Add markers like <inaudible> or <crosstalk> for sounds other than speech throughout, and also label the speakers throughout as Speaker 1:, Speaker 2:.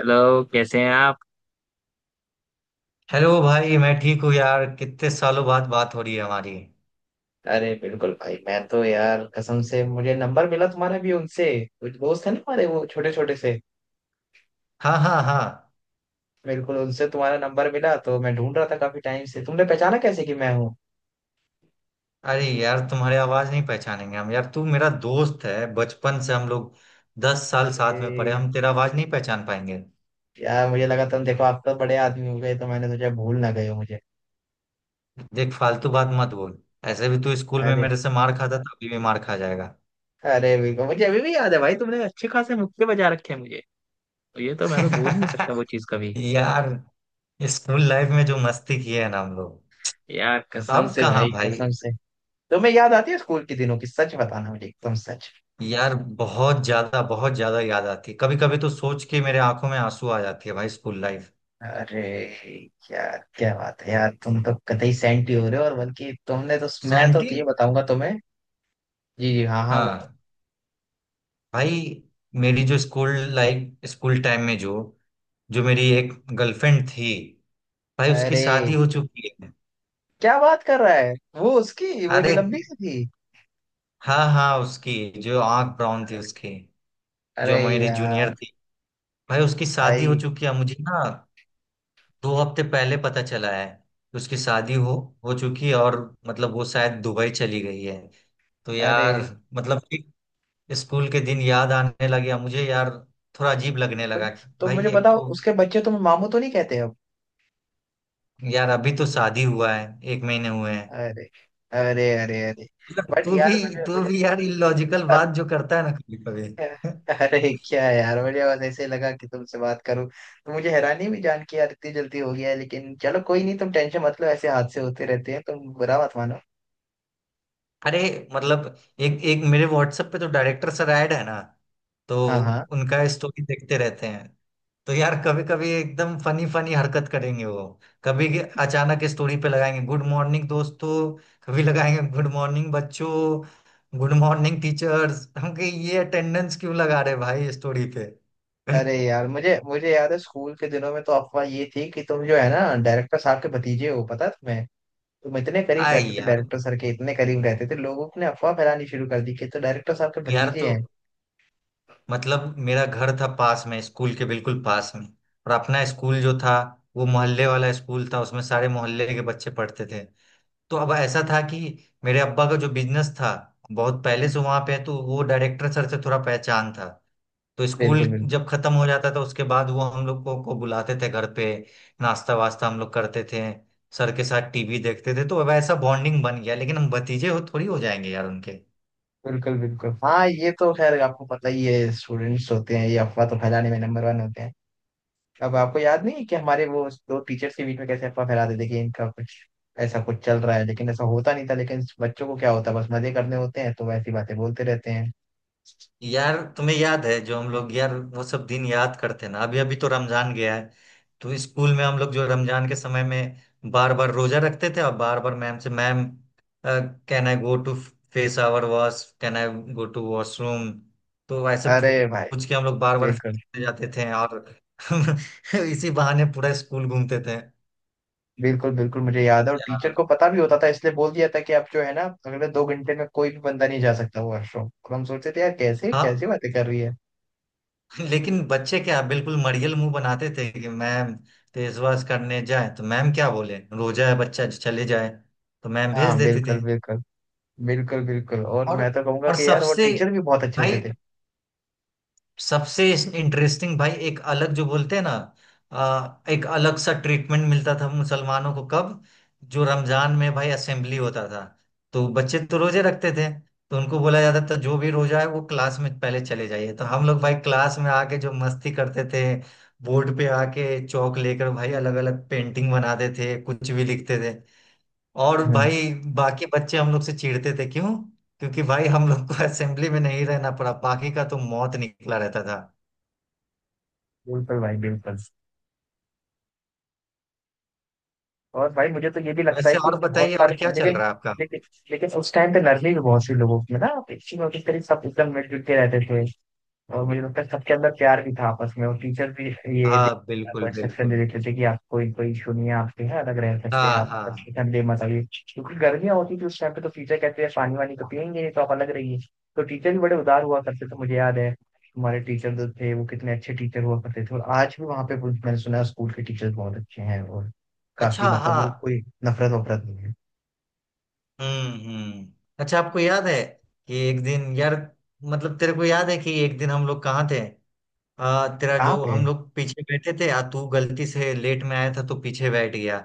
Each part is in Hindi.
Speaker 1: हेलो, कैसे हैं आप?
Speaker 2: हेलो भाई मैं ठीक हूँ यार। कितने सालों बाद बात हो रही है हमारी।
Speaker 1: अरे बिल्कुल भाई, मैं तो यार कसम से, मुझे नंबर मिला तुम्हारा भी उनसे। कुछ दोस्त है ना हमारे, वो छोटे छोटे से।
Speaker 2: हाँ हाँ हाँ।
Speaker 1: बिल्कुल, उनसे तुम्हारा नंबर मिला। तो मैं ढूंढ रहा था काफी टाइम से। तुमने पहचाना कैसे कि मैं हूँ?
Speaker 2: अरे यार तुम्हारी आवाज नहीं पहचानेंगे हम यार। तू मेरा दोस्त है बचपन से, हम लोग 10 साल साथ में पढ़े।
Speaker 1: अरे
Speaker 2: हम तेरा आवाज नहीं पहचान पाएंगे।
Speaker 1: यार, मुझे लगा, तुम देखो, आप तो बड़े आदमी हो गए, तो मैंने सोचा भूल ना गए हो मुझे।
Speaker 2: देख फालतू बात मत बोल। ऐसे भी तू स्कूल में
Speaker 1: अरे!
Speaker 2: मेरे से मार खाता था, अभी भी मार खा जाएगा।
Speaker 1: अरे बिल्कुल, मुझे अभी भी याद है भाई, तुमने अच्छे खासे मुक्के बजा रखे हैं मुझे। तो ये तो मैं तो भूल नहीं सकता वो
Speaker 2: <laughs>
Speaker 1: चीज कभी।
Speaker 2: यार, स्कूल लाइफ में जो मस्ती की है ना हम लोग।
Speaker 1: यार कसम
Speaker 2: अब
Speaker 1: से
Speaker 2: कहाँ
Speaker 1: भाई,
Speaker 2: भाई।
Speaker 1: कसम से। तुम्हें याद आती है स्कूल के दिनों की? सच बताना मुझे, एकदम सच।
Speaker 2: यार बहुत ज्यादा याद आती है। कभी कभी तो सोच के मेरे आंखों में आंसू आ जाती है भाई, स्कूल लाइफ।
Speaker 1: अरे यार, क्या बात है यार, तुम तो कतई सेंटी हो रहे हो। और बल्कि तुमने तो, मैं तो
Speaker 2: सैंटी?
Speaker 1: ये बताऊंगा तुम्हें। जी जी, हाँ हाँ, बोलो।
Speaker 2: हाँ। भाई मेरी जो स्कूल लाइफ, स्कूल टाइम में जो जो मेरी एक गर्लफ्रेंड थी, भाई उसकी शादी
Speaker 1: अरे,
Speaker 2: हो चुकी है।
Speaker 1: क्या बात कर रहा है? वो उसकी, वो जो
Speaker 2: अरे
Speaker 1: लंबी सी थी?
Speaker 2: हाँ हाँ, उसकी जो आंख ब्राउन थी उसकी,
Speaker 1: अरे
Speaker 2: जो मेरी
Speaker 1: यार!
Speaker 2: जूनियर थी, भाई उसकी शादी हो
Speaker 1: भाई।
Speaker 2: चुकी है। मुझे ना 2 हफ्ते पहले पता चला है कि उसकी शादी हो चुकी है। और मतलब वो शायद दुबई चली गई है। तो
Speaker 1: अरे,
Speaker 2: यार, मतलब कि स्कूल के दिन याद आने लगे अब मुझे यार, थोड़ा अजीब लगने लगा
Speaker 1: मुझे-
Speaker 2: कि
Speaker 1: तो मुझे
Speaker 2: भाई, एक
Speaker 1: बताओ,
Speaker 2: तो।
Speaker 1: उसके बच्चे तुम्हें मामू तो नहीं कहते अब?
Speaker 2: यार अभी तो शादी हुआ है, एक महीने हुए हैं।
Speaker 1: अरे, अरे, अरे! अरे,
Speaker 2: मतलब
Speaker 1: बट
Speaker 2: तू भी
Speaker 1: यार, मुझे
Speaker 2: तू
Speaker 1: मुझे
Speaker 2: भी
Speaker 1: तो-
Speaker 2: यार इलॉजिकल बात जो करता है ना कभी कभी। <laughs>
Speaker 1: अरे, क्या है यार, मुझे बस ऐसे ही लगा कि तुमसे बात करूं। तो मुझे हैरानी भी जान के यार, इतनी जल्दी हो गया है। लेकिन चलो, कोई नहीं, तुम टेंशन मत लो, ऐसे हादसे होते रहते हैं, तुम बुरा मत मानो।
Speaker 2: अरे मतलब एक एक मेरे व्हाट्सएप पे तो डायरेक्टर सर ऐड है ना, तो
Speaker 1: हाँ हाँ।
Speaker 2: उनका स्टोरी देखते रहते हैं। तो यार कभी कभी एकदम फनी फनी हरकत करेंगे वो। कभी के- अचानक स्टोरी पे लगाएंगे गुड मॉर्निंग दोस्तों, कभी लगाएंगे गुड मॉर्निंग बच्चों, गुड मॉर्निंग टीचर्स। हम कहे ये अटेंडेंस क्यों लगा रहे भाई स्टोरी पे।
Speaker 1: अरे
Speaker 2: <laughs>
Speaker 1: यार, मुझे मुझे याद है, स्कूल के दिनों में तो अफवाह ये थी कि तुम जो है ना, डायरेक्टर साहब के भतीजे हो, पता है तुम्हें? तुम इतने करीब
Speaker 2: आए
Speaker 1: रहते थे,
Speaker 2: यार।
Speaker 1: डायरेक्टर सर के इतने करीब रहते थे, लोगों ने अफवाह फैलानी शुरू कर दी कि तो डायरेक्टर साहब के
Speaker 2: यार
Speaker 1: भतीजे
Speaker 2: तो
Speaker 1: हैं।
Speaker 2: मतलब मेरा घर था पास में, स्कूल के बिल्कुल पास में। और अपना स्कूल जो था वो मोहल्ले वाला स्कूल था, उसमें सारे मोहल्ले के बच्चे पढ़ते थे। तो अब ऐसा था कि मेरे अब्बा का जो बिजनेस था बहुत पहले से वहां पे है, तो वो डायरेक्टर सर से थोड़ा पहचान था। तो स्कूल
Speaker 1: बिल्कुल बिल्कुल,
Speaker 2: जब खत्म हो जाता था उसके बाद वो हम लोग को बुलाते थे घर पे। नाश्ता वास्ता हम लोग करते थे, सर के साथ टीवी देखते थे। तो अब ऐसा बॉन्डिंग बन गया, लेकिन हम भतीजे हो थोड़ी हो जाएंगे यार उनके।
Speaker 1: बिल्कुल बिल्कुल। हाँ, ये तो खैर आपको पता ही है, स्टूडेंट्स होते हैं ये, अफवाह तो फैलाने में नंबर वन होते हैं। अब आपको याद नहीं है कि हमारे वो दो टीचर्स के बीच में कैसे अफवाह फैला देते कि इनका कुछ ऐसा कुछ चल रहा है। लेकिन ऐसा होता नहीं था। लेकिन बच्चों को क्या होता है, बस मजे करने होते हैं तो ऐसी बातें बोलते रहते हैं।
Speaker 2: यार तुम्हें याद है जो हम लोग, यार वो सब दिन याद करते हैं ना। अभी अभी तो रमजान गया है, तो स्कूल में हम लोग जो रमजान के समय में बार बार रोजा रखते थे, और बार बार मैम से, ma'am can I go to face our wash, can I go to washroom. तो ऐसे
Speaker 1: अरे भाई।
Speaker 2: पूछ के हम लोग बार बार फेस
Speaker 1: बिल्कुल।
Speaker 2: करते जाते थे, और <laughs> इसी बहाने पूरा स्कूल घूमते थे।
Speaker 1: बिल्कुल बिल्कुल, मुझे याद है। और टीचर
Speaker 2: यार
Speaker 1: को पता भी होता था इसलिए बोल दिया था कि आप जो है ना, अगले 2 घंटे में कोई भी बंदा नहीं जा सकता वॉशरूम। और हम सोचते थे यार, कैसे कैसी
Speaker 2: हाँ।
Speaker 1: बातें कर रही है।
Speaker 2: लेकिन बच्चे क्या, बिल्कुल मरियल मुंह बनाते थे कि मैम फेसवॉश करने जाए, तो मैम क्या बोले, रोजा है बच्चा चले जाए। तो मैम भेज
Speaker 1: हाँ
Speaker 2: देती
Speaker 1: बिल्कुल
Speaker 2: थी।
Speaker 1: बिल्कुल। बिल्कुल बिल्कुल, और
Speaker 2: और
Speaker 1: मैं तो कहूंगा
Speaker 2: और
Speaker 1: कि यार वो
Speaker 2: सबसे,
Speaker 1: टीचर भी बहुत अच्छे होते
Speaker 2: भाई
Speaker 1: थे।
Speaker 2: सबसे इंटरेस्टिंग भाई, एक अलग जो बोलते हैं ना, एक अलग सा ट्रीटमेंट मिलता था मुसलमानों को। कब? जो रमजान में भाई असेंबली होता था तो बच्चे तो रोजे रखते थे, तो उनको बोला जाता था जो भी रोजा है वो क्लास में पहले चले जाइए। तो हम लोग भाई क्लास में आके जो मस्ती करते थे, बोर्ड पे आके चौक लेकर भाई
Speaker 1: हम्म,
Speaker 2: अलग अलग पेंटिंग बनाते थे, कुछ भी लिखते थे। और
Speaker 1: हम्म, हम्म।
Speaker 2: भाई बाकी बच्चे हम लोग से चिढ़ते थे। क्यों? क्योंकि भाई हम लोग को <laughs> असेंबली में नहीं रहना पड़ा, बाकी का तो मौत निकला रहता था।
Speaker 1: बिल्कुल भाई, बिल्कुल। और भाई मुझे तो ये भी लगता है
Speaker 2: वैसे
Speaker 1: कि
Speaker 2: और
Speaker 1: बहुत
Speaker 2: बताइए, और
Speaker 1: सारे
Speaker 2: क्या चल
Speaker 1: लेकिन,
Speaker 2: रहा है आपका।
Speaker 1: लेकिन लेकिन उस टाइम पे नरमी भी बहुत सी लोगों में ना, अच्छी में उसी तरह सब एकदम मिलजुल के रहते थे। और मुझे लगता है सबके अंदर प्यार भी था आपस में, और टीचर भी। ये दे-
Speaker 2: हाँ
Speaker 1: आपको
Speaker 2: बिल्कुल
Speaker 1: एक्सेप्शन दे
Speaker 2: बिल्कुल।
Speaker 1: देते थे कि आपको कोई कोई इशू नहीं है, आपके यहाँ अलग रह सकते हैं
Speaker 2: हाँ
Speaker 1: आप,
Speaker 2: हाँ।
Speaker 1: मतलब ठंडे मत आइए। क्योंकि गर्मियाँ होती थी उस टाइम पे, तो टीचर कहते हैं पानी वानी तो पियेंगे नहीं, तो आप अलग रहिए। तो टीचर भी बड़े उदार हुआ करते थे, मुझे याद है। हमारे टीचर जो थे वो कितने अच्छे टीचर हुआ करते थे, और आज भी वहाँ पे मैंने सुना है स्कूल के टीचर बहुत अच्छे हैं। और काफी,
Speaker 2: अच्छा हाँ।
Speaker 1: मतलब वो कोई नफरत वफरत नहीं है।
Speaker 2: हम्म। अच्छा आपको याद है कि एक दिन यार, मतलब तेरे को याद है कि एक दिन हम लोग कहाँ थे? तेरा जो,
Speaker 1: आप है।
Speaker 2: हम लोग पीछे बैठे थे, आ तू गलती से लेट में आया था तो पीछे बैठ गया,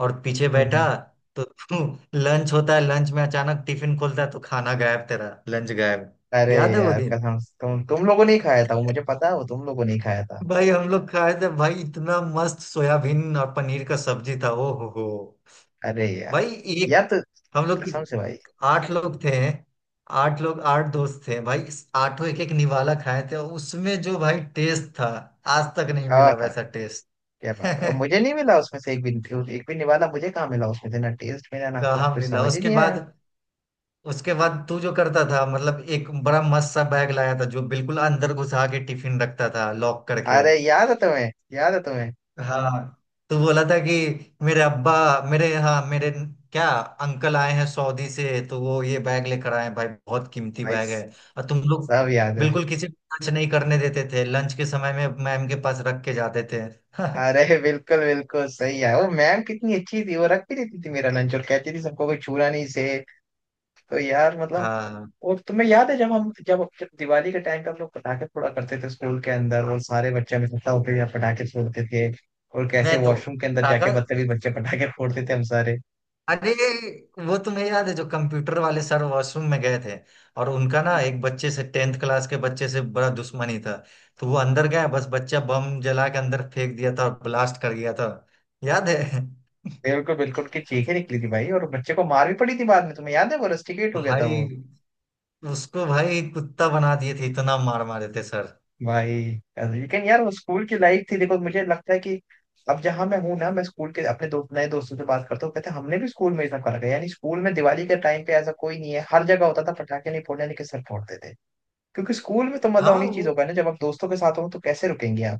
Speaker 2: और पीछे
Speaker 1: हम्म,
Speaker 2: बैठा। तो <laughs> तू लंच होता है, लंच में अचानक टिफिन खोलता है तो खाना गायब, तेरा लंच गायब।
Speaker 1: अरे
Speaker 2: याद है वो
Speaker 1: यार
Speaker 2: दिन?
Speaker 1: कसम से, तुम लोगों ने ही खाया था वो, मुझे पता है, वो तुम लोगों ने ही खाया था।
Speaker 2: भाई हम लोग खाए थे भाई, इतना मस्त सोयाबीन और पनीर का सब्जी था, ओ हो हो।
Speaker 1: अरे यार!
Speaker 2: भाई एक,
Speaker 1: यार, तो
Speaker 2: हम लोग कि-
Speaker 1: कसम से भाई।
Speaker 2: आठ लोग थे। आठ लोग, आठ दोस्त थे भाई, इस आठों एक एक निवाला खाए थे, और उसमें जो भाई टेस्ट था आज तक नहीं
Speaker 1: हाँ
Speaker 2: मिला
Speaker 1: हाँ।
Speaker 2: वैसा टेस्ट।
Speaker 1: क्या बात है! और मुझे
Speaker 2: <laughs>
Speaker 1: नहीं मिला उसमें से एक भी। एक भी निवाला मुझे कहाँ मिला उसमें से। ना टेस्ट मिला, ना कुछ,
Speaker 2: कहाँ
Speaker 1: कुछ
Speaker 2: मिला
Speaker 1: समझ ही
Speaker 2: उसके
Speaker 1: नहीं
Speaker 2: बाद।
Speaker 1: आया।
Speaker 2: उसके बाद तू जो करता था, मतलब एक बड़ा मस्त सा बैग लाया था जो बिल्कुल अंदर घुसा के टिफिन रखता था लॉक करके।
Speaker 1: अरे, याद है तुम्हें? याद है तुम्हें?
Speaker 2: हाँ, तो बोला था कि मेरे अब्बा, मेरे, हाँ मेरे, क्या, अंकल आए हैं सऊदी से, तो वो ये बैग लेकर आए हैं भाई, बहुत कीमती
Speaker 1: भाई,
Speaker 2: बैग है। और तुम लोग
Speaker 1: सब याद है।
Speaker 2: बिल्कुल किसी को टच नहीं करने देते थे, लंच के समय में मैम के पास रख के जाते थे। <laughs>
Speaker 1: अरे बिल्कुल बिल्कुल सही है, वो मैम कितनी अच्छी थी, वो रख भी देती थी मेरा लंच, और कहती थी सबको कोई छूना नहीं से। तो यार मतलब।
Speaker 2: हाँ।
Speaker 1: और तुम्हें याद है जब जब दिवाली के टाइम पे हम लोग पटाखे फोड़ा करते थे स्कूल के अंदर, और सारे बच्चे हम इकट्ठा होकर यहाँ पटाखे फोड़ते थे। और कैसे
Speaker 2: मैं तो
Speaker 1: वॉशरूम के अंदर जाके
Speaker 2: पटाखा,
Speaker 1: बदतमीज बच्चे पटाखे फोड़ते थे हम सारे।
Speaker 2: अरे वो तुम्हें याद है जो कंप्यूटर वाले सर वॉशरूम में गए थे, और उनका ना
Speaker 1: हम्म।
Speaker 2: एक बच्चे से, टेंथ क्लास के बच्चे से, बड़ा दुश्मनी था। तो वो अंदर गया बस, बच्चा बम जला के अंदर फेंक दिया था और ब्लास्ट कर गया था। याद है? <laughs>
Speaker 1: बिल्कुल बिल्कुल, उनकी चीखें निकली थी भाई, और बच्चे को मार भी पड़ी थी बाद में, तुम्हें याद है? वो रस्टिकेट हो गया था वो।
Speaker 2: भाई उसको भाई कुत्ता बना दिए थे, इतना मार मारे थे सर।
Speaker 1: भाई। लेकिन यार, वो स्कूल की लाइफ थी, देखो। मुझे लगता है कि अब जहां मैं हूँ ना, मैं स्कूल के अपने दोस्त, नए दोस्तों से बात करता हूँ, कहते हैं हमने भी स्कूल में ये सब करा है। यानी स्कूल में दिवाली के टाइम पे ऐसा कोई नहीं है, हर जगह होता था। पटाखे नहीं फोड़ने के सर फोड़ते थे। क्योंकि स्कूल में तो मजा
Speaker 2: हाँ
Speaker 1: उन्हीं
Speaker 2: वो,
Speaker 1: चीजों का है ना, जब आप दोस्तों के साथ हो, तो कैसे रुकेंगे आप?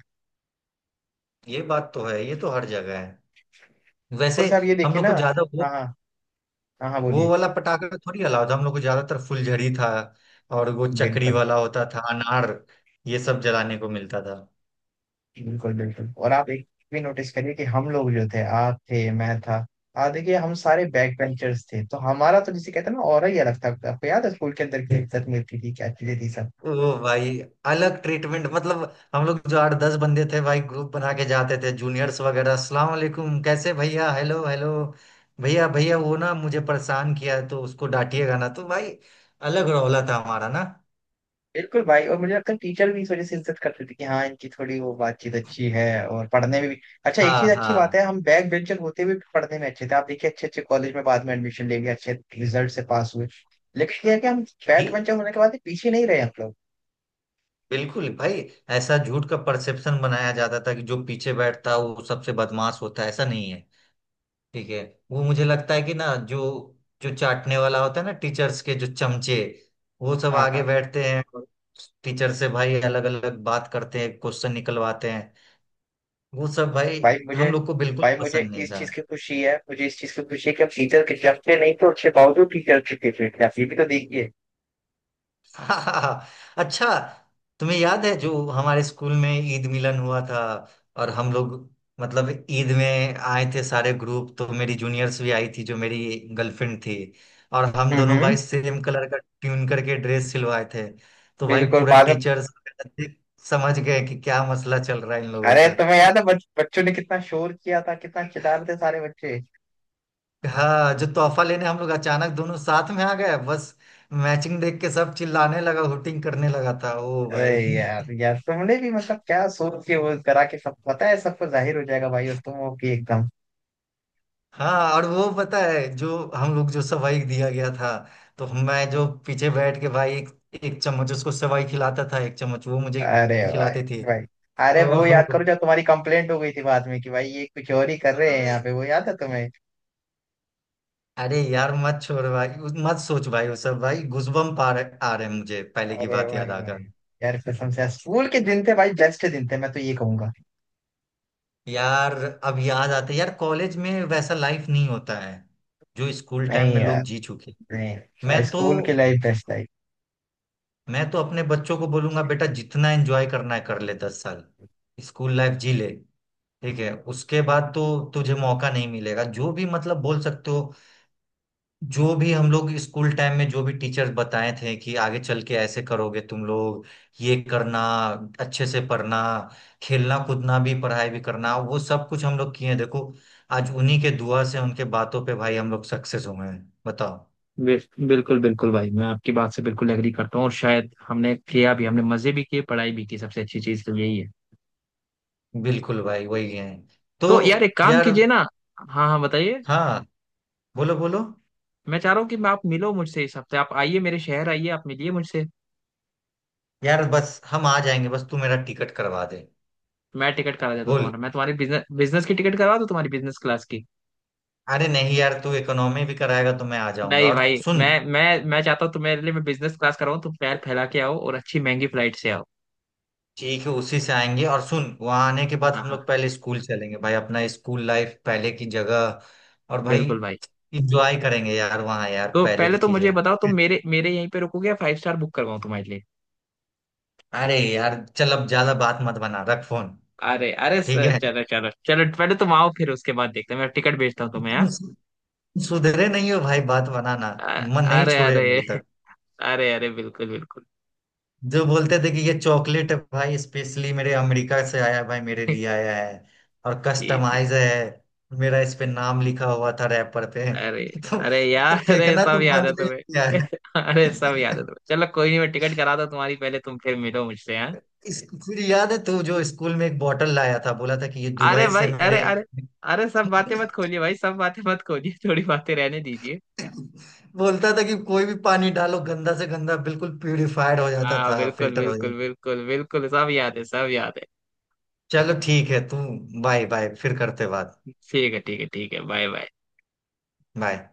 Speaker 2: ये बात तो है, ये तो हर जगह है।
Speaker 1: ऊपर
Speaker 2: वैसे
Speaker 1: से आप ये
Speaker 2: हम
Speaker 1: देखिए
Speaker 2: लोग
Speaker 1: ना।
Speaker 2: को ज्यादा वो
Speaker 1: हाँ हाँ, हाँ हाँ,
Speaker 2: वो
Speaker 1: बोलिए।
Speaker 2: वाला पटाखा तो थोड़ी अलाउड था, हम लोग को ज्यादातर फुलझड़ी था, और वो चक्री
Speaker 1: बिल्कुल
Speaker 2: वाला होता था अनार, ये सब जलाने को मिलता था।
Speaker 1: बिल्कुल बिल्कुल, और आप एक भी नोटिस करिए कि हम लोग जो थे, आप थे, मैं था। हाँ, देखिए हम सारे बैक बेंचर्स थे, तो हमारा तो जिसे कहते हैं ना, और ही अलग था। आपको याद है स्कूल के अंदर की इज्जत मिलती थी, क्या चीजें थी सब।
Speaker 2: ओ भाई अलग ट्रीटमेंट मतलब, हम लोग जो आठ दस बंदे थे भाई, ग्रुप बना के जाते थे। जूनियर्स वगैरह, अस्सलाम वालेकुम, कैसे भैया, हेलो हेलो, भैया भैया वो ना मुझे परेशान किया है, तो उसको डांटिएगा ना। तो भाई अलग रौला था हमारा ना।
Speaker 1: बिल्कुल भाई, और मुझे लगता है टीचर भी इस वजह से इज्जत करते थे कि हाँ, इनकी थोड़ी वो बातचीत अच्छी है, और पढ़ने में भी। अच्छा, एक
Speaker 2: हाँ
Speaker 1: चीज अच्छी बात
Speaker 2: हाँ।
Speaker 1: है, हम बैक बेंचर होते हुए भी पढ़ने में अच्छे थे। आप देखिए, अच्छे अच्छे कॉलेज में बाद में एडमिशन ले लिया, अच्छे रिजल्ट से पास हुए। लेकिन ये है कि हम
Speaker 2: ये
Speaker 1: बैक बेंचर होने के बाद भी पीछे नहीं रहे हम लोग।
Speaker 2: बिल्कुल भाई, ऐसा झूठ का परसेप्शन बनाया जाता था कि जो पीछे बैठता है वो सबसे बदमाश होता है, ऐसा नहीं है। ठीक है। वो मुझे लगता है कि ना जो जो चाटने वाला होता है ना टीचर्स के, जो चमचे, वो सब
Speaker 1: हाँ हाँ,
Speaker 2: आगे बैठते हैं, और टीचर से भाई अलग अलग बात करते हैं, क्वेश्चन निकलवाते हैं। वो सब भाई
Speaker 1: भाई
Speaker 2: हम
Speaker 1: मुझे
Speaker 2: लोग को बिल्कुल
Speaker 1: भाई मुझे
Speaker 2: पसंद नहीं
Speaker 1: इस
Speaker 2: था।
Speaker 1: चीज की खुशी है, मुझे इस चीज की खुशी है कि हम टीचर के डरते नहीं, तो अच्छे बावजूद टीचर के फेवरेट थे, आप ये भी तो देखिए।
Speaker 2: <laughs> हाँ, हाँ, हाँ। अच्छा तुम्हें याद है जो हमारे स्कूल में ईद मिलन हुआ था, और हम लोग मतलब ईद में आए थे सारे ग्रुप, तो मेरी जूनियर्स भी आई थी, जो मेरी गर्लफ्रेंड थी, और हम
Speaker 1: हम्म,
Speaker 2: दोनों भाई सेम कलर का ट्यून करके ड्रेस सिलवाए थे। तो भाई
Speaker 1: बिल्कुल
Speaker 2: पूरा
Speaker 1: बाद में।
Speaker 2: टीचर्स समझ गए कि क्या मसला चल रहा है इन लोगों
Speaker 1: अरे,
Speaker 2: का।
Speaker 1: तुम्हें याद है बच्चों ने कितना शोर किया था, कितना चिल्ला रहे थे सारे बच्चे।
Speaker 2: हाँ, जो तोहफा लेने हम लोग अचानक दोनों साथ में आ गए बस, मैचिंग देख के सब चिल्लाने लगा, हुटिंग करने लगा था, ओ
Speaker 1: अरे
Speaker 2: भाई। <laughs>
Speaker 1: यार यार, तुमने भी मतलब क्या सोच के वो करा, के सब पता है, सबको जाहिर हो जाएगा भाई, और तुम हो कि एकदम।
Speaker 2: हाँ, और वो पता है जो हम लोग, जो सवाई दिया गया था, तो मैं जो पीछे बैठ के भाई एक, एक चम्मच उसको सवाई खिलाता था, एक चम्मच वो मुझे
Speaker 1: अरे भाई
Speaker 2: खिलाते थे।
Speaker 1: भाई, अरे वो
Speaker 2: ओहो,
Speaker 1: याद करो जब तुम्हारी कंप्लेंट हो गई थी बाद में कि भाई ये कुछ और ही कर रहे हैं
Speaker 2: अरे,
Speaker 1: यहाँ पे, वो याद है तुम्हें?
Speaker 2: अरे यार मत छोड़ भाई, मत सोच भाई, वो सब, भाई गूजबम्प आ रहे हैं मुझे पहले की
Speaker 1: अरे
Speaker 2: बात याद
Speaker 1: भाई भाई!
Speaker 2: आकर।
Speaker 1: यार कसम से यार, स्कूल के दिन थे भाई, बेस्ट दिन थे, मैं तो ये कहूंगा।
Speaker 2: यार अब याद आता है यार, कॉलेज में वैसा लाइफ नहीं होता है जो स्कूल टाइम
Speaker 1: नहीं
Speaker 2: में
Speaker 1: यार,
Speaker 2: लोग जी चुके हैं।
Speaker 1: नहीं, भाई
Speaker 2: मैं तो
Speaker 1: स्कूल की लाइफ बेस्ट लाइफ।
Speaker 2: मैं तो अपने बच्चों को बोलूंगा बेटा जितना एंजॉय करना है कर ले, 10 साल स्कूल लाइफ जी ले। ठीक है, उसके बाद तो तुझे मौका नहीं मिलेगा। जो भी मतलब बोल सकते हो, जो भी, हम लोग स्कूल टाइम में जो भी टीचर्स बताए थे कि आगे चल के ऐसे करोगे तुम लोग, ये करना, अच्छे से पढ़ना, खेलना कूदना भी, पढ़ाई भी करना, वो सब कुछ हम लोग किए हैं। देखो आज उन्हीं के दुआ से उनके बातों पे भाई हम लोग सक्सेस हुए हैं, बताओ।
Speaker 1: बिल्कुल बिल्कुल भाई, मैं आपकी बात से बिल्कुल एग्री करता हूँ, और शायद हमने किया भी, हमने मजे भी किए, पढ़ाई भी की, सबसे अच्छी चीज़ तो यही है।
Speaker 2: बिल्कुल भाई वही है। तो
Speaker 1: तो यार एक काम
Speaker 2: यार।
Speaker 1: कीजिए ना। हाँ हाँ, बताइए।
Speaker 2: हाँ, बोलो बोलो।
Speaker 1: मैं चाह रहा हूँ कि मैं, आप मिलो मुझसे इस हफ्ते, आप आइए मेरे शहर, आइए आप मिलिए मुझसे।
Speaker 2: यार बस हम आ जाएंगे, बस तू मेरा टिकट करवा दे।
Speaker 1: मैं टिकट करा देता हूँ
Speaker 2: बोल।
Speaker 1: तुम्हारा, मैं तुम्हारी बिजनेस बिजनेस की टिकट करवा दूँ, तुम्हारी बिजनेस क्लास की।
Speaker 2: अरे नहीं यार, तू इकोनॉमी भी कराएगा तो मैं आ जाऊंगा,
Speaker 1: नहीं
Speaker 2: और
Speaker 1: भाई,
Speaker 2: सुन।
Speaker 1: मैं चाहता हूँ तुम्हारे लिए मैं बिजनेस क्लास कराऊँ, तुम पैर फैला के आओ और अच्छी महंगी फ्लाइट से आओ।
Speaker 2: ठीक है, उसी से आएंगे। और सुन, वहां आने के बाद
Speaker 1: हाँ
Speaker 2: हम
Speaker 1: हाँ,
Speaker 2: लोग पहले स्कूल चलेंगे भाई, अपना स्कूल लाइफ पहले की जगह, और भाई
Speaker 1: बिल्कुल भाई।
Speaker 2: इंजॉय करेंगे यार वहां यार,
Speaker 1: तो
Speaker 2: पहले
Speaker 1: पहले
Speaker 2: की
Speaker 1: तो
Speaker 2: चीजें।
Speaker 1: मुझे बताओ, तुम मेरे मेरे यहीं पे रुकोगे या फाइव स्टार बुक करवाऊँ तुम्हारे लिए?
Speaker 2: अरे यार चल, अब ज्यादा बात मत बना, रख फोन।
Speaker 1: अरे अरे,
Speaker 2: ठीक
Speaker 1: सर,
Speaker 2: है।
Speaker 1: चलो
Speaker 2: <laughs>
Speaker 1: चलो चलो, पहले तुम आओ, फिर उसके बाद देखते हैं, मैं टिकट भेजता हूँ तुम्हें यहाँ।
Speaker 2: तुम सु- सुधरे नहीं हो भाई, बात बनाना
Speaker 1: अ-
Speaker 2: मन नहीं
Speaker 1: अरे
Speaker 2: छोड़े
Speaker 1: अरे
Speaker 2: अभी तक।
Speaker 1: <laughs> अरे अरे, बिल्कुल बिल्कुल।
Speaker 2: जो बोलते थे कि ये चॉकलेट है भाई, स्पेशली मेरे अमेरिका से आया है भाई, मेरे लिए आया है, और
Speaker 1: जी जी।
Speaker 2: कस्टमाइज है, मेरा इस पे नाम लिखा हुआ था रैपर पे।
Speaker 1: अरे,
Speaker 2: <laughs> तो
Speaker 1: अरे
Speaker 2: ये
Speaker 1: यार,
Speaker 2: तो
Speaker 1: अरे
Speaker 2: फेंकना तो
Speaker 1: सब याद
Speaker 2: बंद
Speaker 1: है
Speaker 2: नहीं
Speaker 1: तुम्हें
Speaker 2: किया है।
Speaker 1: <laughs> अरे सब याद है तुम्हें,
Speaker 2: <laughs>
Speaker 1: चलो कोई नहीं, मैं टिकट कराता हूँ तुम्हारी पहले, तुम फिर मिलो मुझसे, हाँ।
Speaker 2: इस फिर याद है, तू जो स्कूल में एक बॉटल लाया था, बोला था कि ये
Speaker 1: अरे
Speaker 2: दुबई से
Speaker 1: भाई, अरे
Speaker 2: मेरे।
Speaker 1: अरे। अरे सब बातें मत खोलिए भाई, सब बातें मत खोलिए, थोड़ी बातें रहने दीजिए।
Speaker 2: <laughs> बोलता था कि कोई भी पानी डालो गंदा से गंदा, बिल्कुल प्यूरिफाइड हो जाता
Speaker 1: हाँ
Speaker 2: था,
Speaker 1: बिल्कुल
Speaker 2: फिल्टर हो
Speaker 1: बिल्कुल,
Speaker 2: जाता।
Speaker 1: बिल्कुल बिल्कुल, सब याद है, सब याद है।
Speaker 2: चलो ठीक है तू, बाय बाय, फिर करते बात।
Speaker 1: ठीक है ठीक है ठीक है, बाय बाय।
Speaker 2: बाय।